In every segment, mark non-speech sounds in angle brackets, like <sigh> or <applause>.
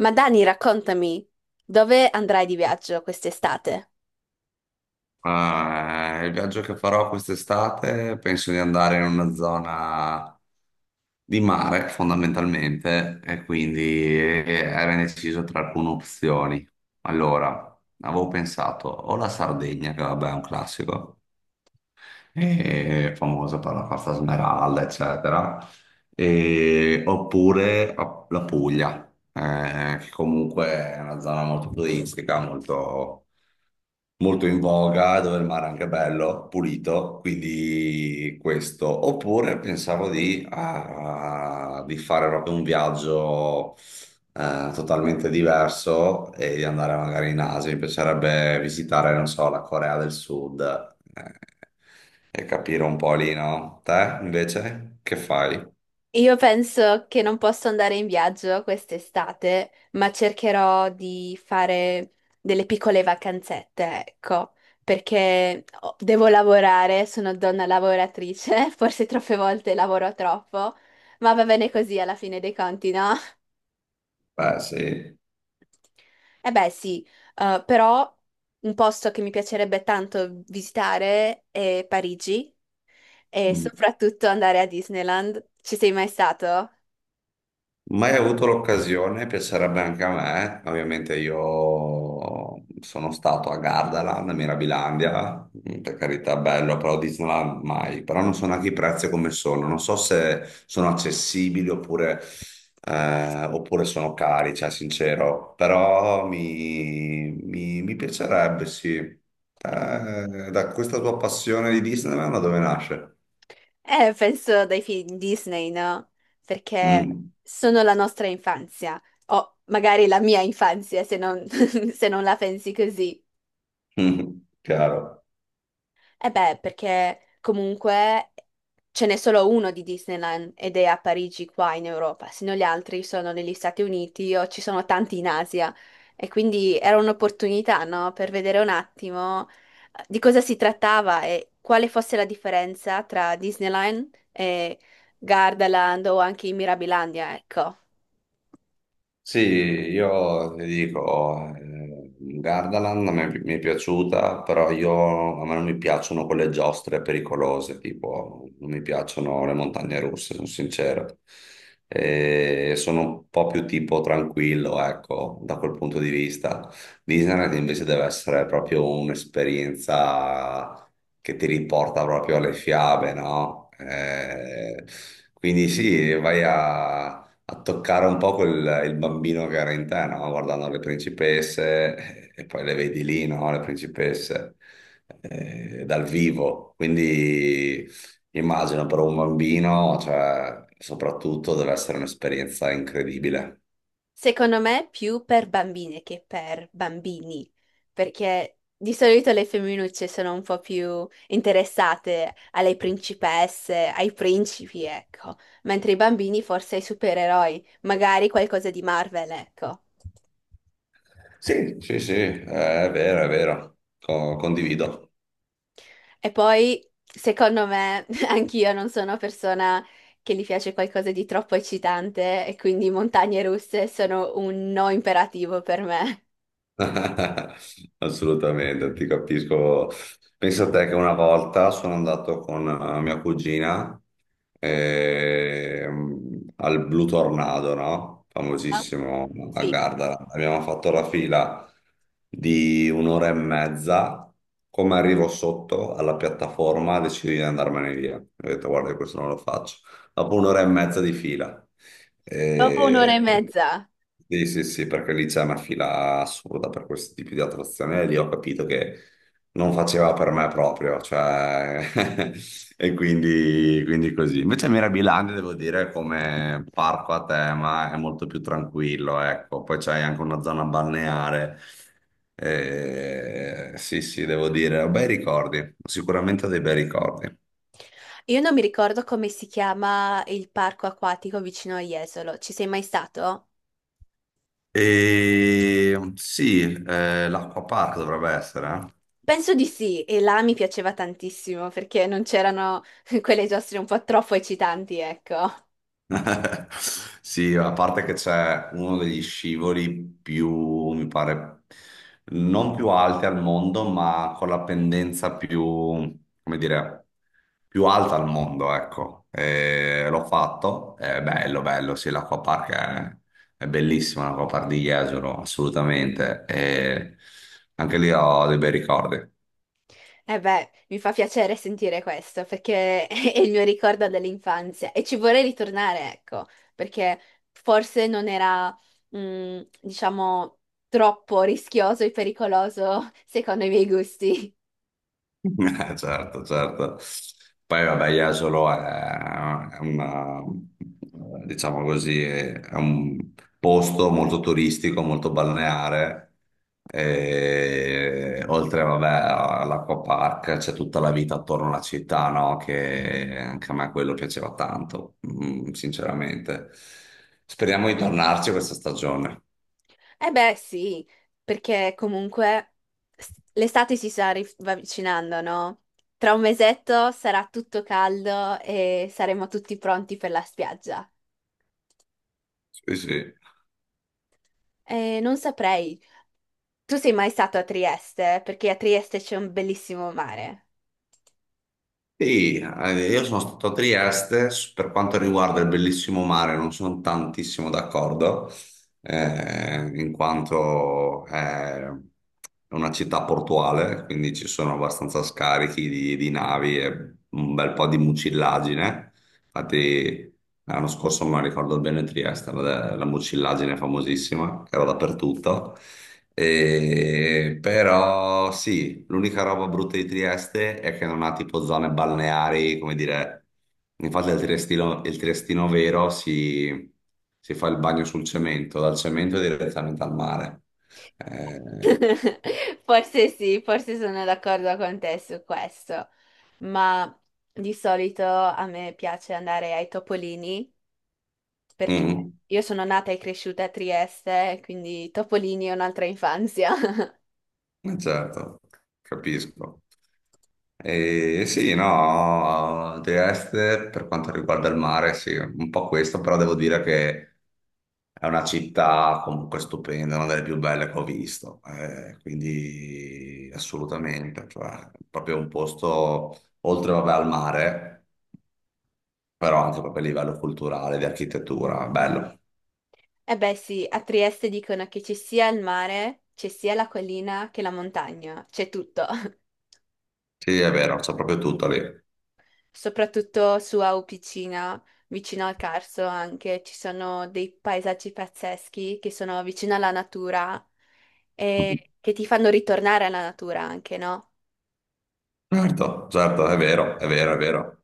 Ma Dani, raccontami, dove andrai di viaggio quest'estate? Il viaggio che farò quest'estate penso di andare in una zona di mare fondamentalmente e quindi era indeciso tra alcune opzioni. Allora, avevo pensato o la Sardegna, che vabbè è un classico, è famosa per la Costa Smeralda, eccetera, la Puglia, che comunque è una zona molto turistica, molto in voga, dove il mare è anche bello, pulito, quindi questo. Oppure pensavo di fare proprio un viaggio totalmente diverso e di andare magari in Asia. Mi piacerebbe visitare, non so, la Corea del Sud eh, e capire un po' lì, no? Te invece che fai? Io penso che non posso andare in viaggio quest'estate, ma cercherò di fare delle piccole vacanzette, ecco, perché devo lavorare, sono donna lavoratrice, <laughs> forse troppe volte lavoro troppo, ma va bene così alla fine dei conti, no? <laughs> Beh, sì. Eh beh, sì, però un posto che mi piacerebbe tanto visitare è Parigi. E soprattutto andare a Disneyland. Ci sei mai stato? Mai avuto l'occasione, piacerebbe anche a me. Ovviamente io sono stato a Gardaland, a Mirabilandia, per carità, bello, però Disneyland mai. Però non so neanche i prezzi come sono, non so se sono accessibili oppure, oppure sono cari, cioè sincero. Però mi piacerebbe, sì. Da questa tua passione di Disneyland, da dove nasce? Penso dai film Disney, no? Perché Mm. sono la nostra infanzia, o magari la mia infanzia, se non, <laughs> se non la pensi così. <laughs> Chiaro. Eh beh, perché comunque ce n'è solo uno di Disneyland ed è a Parigi qua in Europa, se no gli altri sono negli Stati Uniti o ci sono tanti in Asia. E quindi era un'opportunità, no? Per vedere un attimo di cosa si trattava e quale fosse la differenza tra Disneyland e Gardaland o anche in Mirabilandia, ecco. Sì, io ti dico, Gardaland a me mi è piaciuta, però io, a me non mi piacciono quelle giostre pericolose, tipo non mi piacciono le montagne russe, sono sincero. E sono un po' più tipo tranquillo, ecco, da quel punto di vista. Disneyland invece deve essere proprio un'esperienza che ti riporta proprio alle fiabe, no? Quindi sì, vai a toccare un po' quel, il bambino che era in te, no? Guardando le principesse e poi le vedi lì, no? Le principesse dal vivo. Quindi immagino per un bambino, cioè, soprattutto deve essere un'esperienza incredibile. Secondo me più per bambine che per bambini, perché di solito le femminucce sono un po' più interessate alle principesse, ai principi, ecco, mentre i bambini forse ai supereroi, magari qualcosa di Marvel, ecco. Sì, sì, sì, è vero, condivido. E poi, secondo me, <laughs> anch'io non sono persona che gli piace qualcosa di troppo eccitante e quindi montagne russe sono un no imperativo per me. <laughs> Assolutamente, ti capisco. Pensa a te che una volta sono andato con mia cugina al Blue Tornado, no? Ah, Famosissimo a sì, Gardara. Abbiamo fatto la fila di un'ora e mezza. Come arrivo sotto alla piattaforma, decido di andarmene via. Ho detto, guarda, questo non lo faccio dopo un'ora e mezza di fila. dopo un'ora Eh, e mezza. sì, sì, sì, perché lì c'è una fila assurda per questi tipi di attrazioni e lì ho capito che non faceva per me proprio, cioè, <laughs> e quindi così. Invece Mirabilandia, devo dire, come parco a tema è molto più tranquillo, ecco. Poi c'hai anche una zona balneare. Sì, sì, devo dire, ho bei ricordi, sicuramente ho dei bei ricordi. Io non mi ricordo come si chiama il parco acquatico vicino a Jesolo. Ci sei mai stato? E sì, l'Acqua Park dovrebbe essere. Penso di sì, e là mi piaceva tantissimo perché non c'erano <laughs> quelle giostre un po' troppo eccitanti, ecco. Eh. <laughs> Sì, a parte che c'è uno degli scivoli più, mi pare, non più alti al mondo, ma con la pendenza più, come dire, più alta al mondo, ecco. E l'ho fatto, è bello, bello, sì, è bellissima, l'Acqua Park di Jesolo, assolutamente. E anche lì ho dei bei ricordi. E beh, mi fa piacere sentire questo perché <laughs> è il mio ricordo dell'infanzia e ci vorrei ritornare, ecco, perché forse non era, mm, diciamo, troppo rischioso e pericoloso <laughs> secondo i miei gusti. Certo, certo. Poi vabbè, Jesolo è una, diciamo così, è un posto molto turistico, molto balneare. E oltre, vabbè, all'acquapark c'è tutta la vita attorno alla città, no? Che anche a me quello piaceva tanto, mm, sinceramente. Speriamo di tornarci questa stagione. Eh beh, sì, perché comunque l'estate si sta avvicinando, no? Tra un mesetto sarà tutto caldo e saremo tutti pronti per la spiaggia. Sì, sì. Non saprei. Tu sei mai stato a Trieste? Perché a Trieste c'è un bellissimo mare. Sì, io sono stato a Trieste, per quanto riguarda il bellissimo mare non sono tantissimo d'accordo, in quanto è una città portuale, quindi ci sono abbastanza scarichi di navi e un bel po' di mucillagine. Infatti, l'anno scorso, non ricordo bene, Trieste, la mucillaggine famosissima, che era dappertutto. Però sì, l'unica roba brutta di Trieste è che non ha tipo zone balneari, come dire, infatti il triestino vero si fa il bagno sul cemento, dal cemento direttamente al mare. Eh, <laughs> Forse sì, forse sono d'accordo con te su questo, ma di solito a me piace andare ai Topolini perché mm, io sono nata e cresciuta a Trieste, quindi Topolini è un'altra infanzia. <laughs> Certo, capisco. E sì, no, The Est per quanto riguarda il mare, sì, un po' questo, però devo dire che è una città comunque stupenda, una delle più belle che ho visto, quindi assolutamente, cioè, proprio un posto oltre vabbè, al mare, però anche proprio a livello culturale, di architettura, bello. E beh sì, a Trieste dicono che ci sia il mare, c'è sia la collina che la montagna, c'è tutto. <laughs> Sì, è vero, c'è proprio tutto lì. Soprattutto su Aupicina, vicino al Carso anche, ci sono dei paesaggi pazzeschi che sono vicino alla natura e che ti fanno ritornare alla natura anche, no? Certo, certo, è vero, è vero, è vero.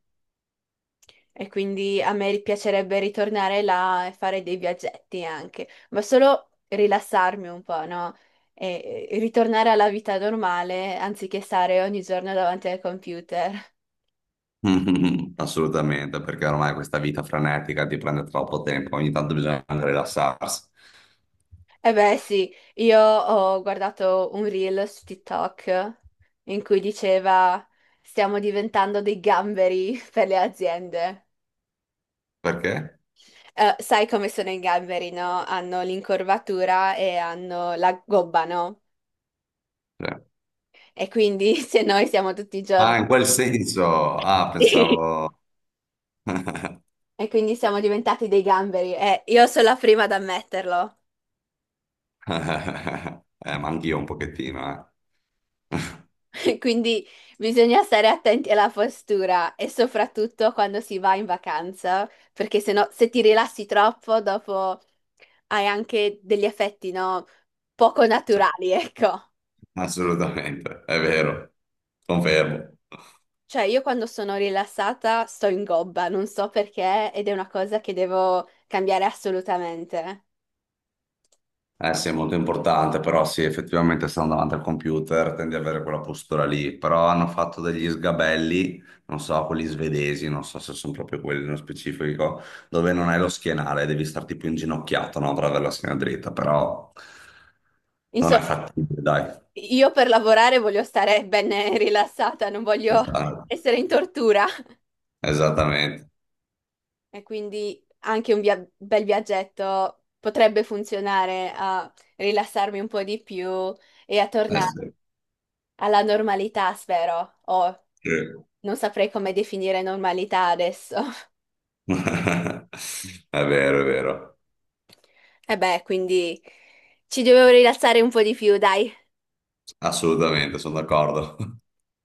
E quindi a me piacerebbe ritornare là e fare dei viaggetti anche, ma solo rilassarmi un po', no? E ritornare alla vita normale anziché stare ogni giorno davanti al computer. <laughs> <laughs> Mhm, assolutamente, perché ormai questa vita frenetica ti prende troppo tempo, ogni tanto bisogna anche rilassarsi. E beh, sì, io ho guardato un reel su TikTok in cui diceva stiamo diventando dei gamberi <laughs> per le aziende. Perché? Sai come sono i gamberi, no? Hanno l'incorvatura e hanno la gobba, no? Cioè, E quindi <laughs> se noi siamo tutti i giorni ah, in quel senso. Ah, sì. <laughs> pensavo... E quindi siamo diventati dei gamberi. Io sono la prima ad ammetterlo. <laughs> Ma anch'io un pochettino, eh. <laughs> <laughs> Quindi bisogna stare attenti alla postura e soprattutto quando si va in vacanza, perché se no, se ti rilassi troppo, dopo hai anche degli effetti, no? Poco Cioè, naturali, ecco. assolutamente, è vero, confermo. Cioè, io quando sono rilassata sto in gobba, non so perché, ed è una cosa che devo cambiare assolutamente. Eh sì, è molto importante, però sì, effettivamente stando davanti al computer tendi ad avere quella postura lì, però hanno fatto degli sgabelli, non so, quelli svedesi, non so se sono proprio quelli nello specifico, dove non hai lo schienale, devi starti più inginocchiato, no, per avere la schiena dritta, però non è Insomma. fattibile, dai. Io per lavorare voglio stare ben rilassata, non voglio Esatto. essere in tortura Esattamente. e quindi anche un bel viaggetto potrebbe funzionare a rilassarmi un po' di più e a Eh tornare sì. alla normalità, spero, o Sì. non saprei come definire normalità adesso. <laughs> <laughs> È vero, E beh, quindi ci devo rilassare un po' di più, dai. assolutamente, sono d'accordo.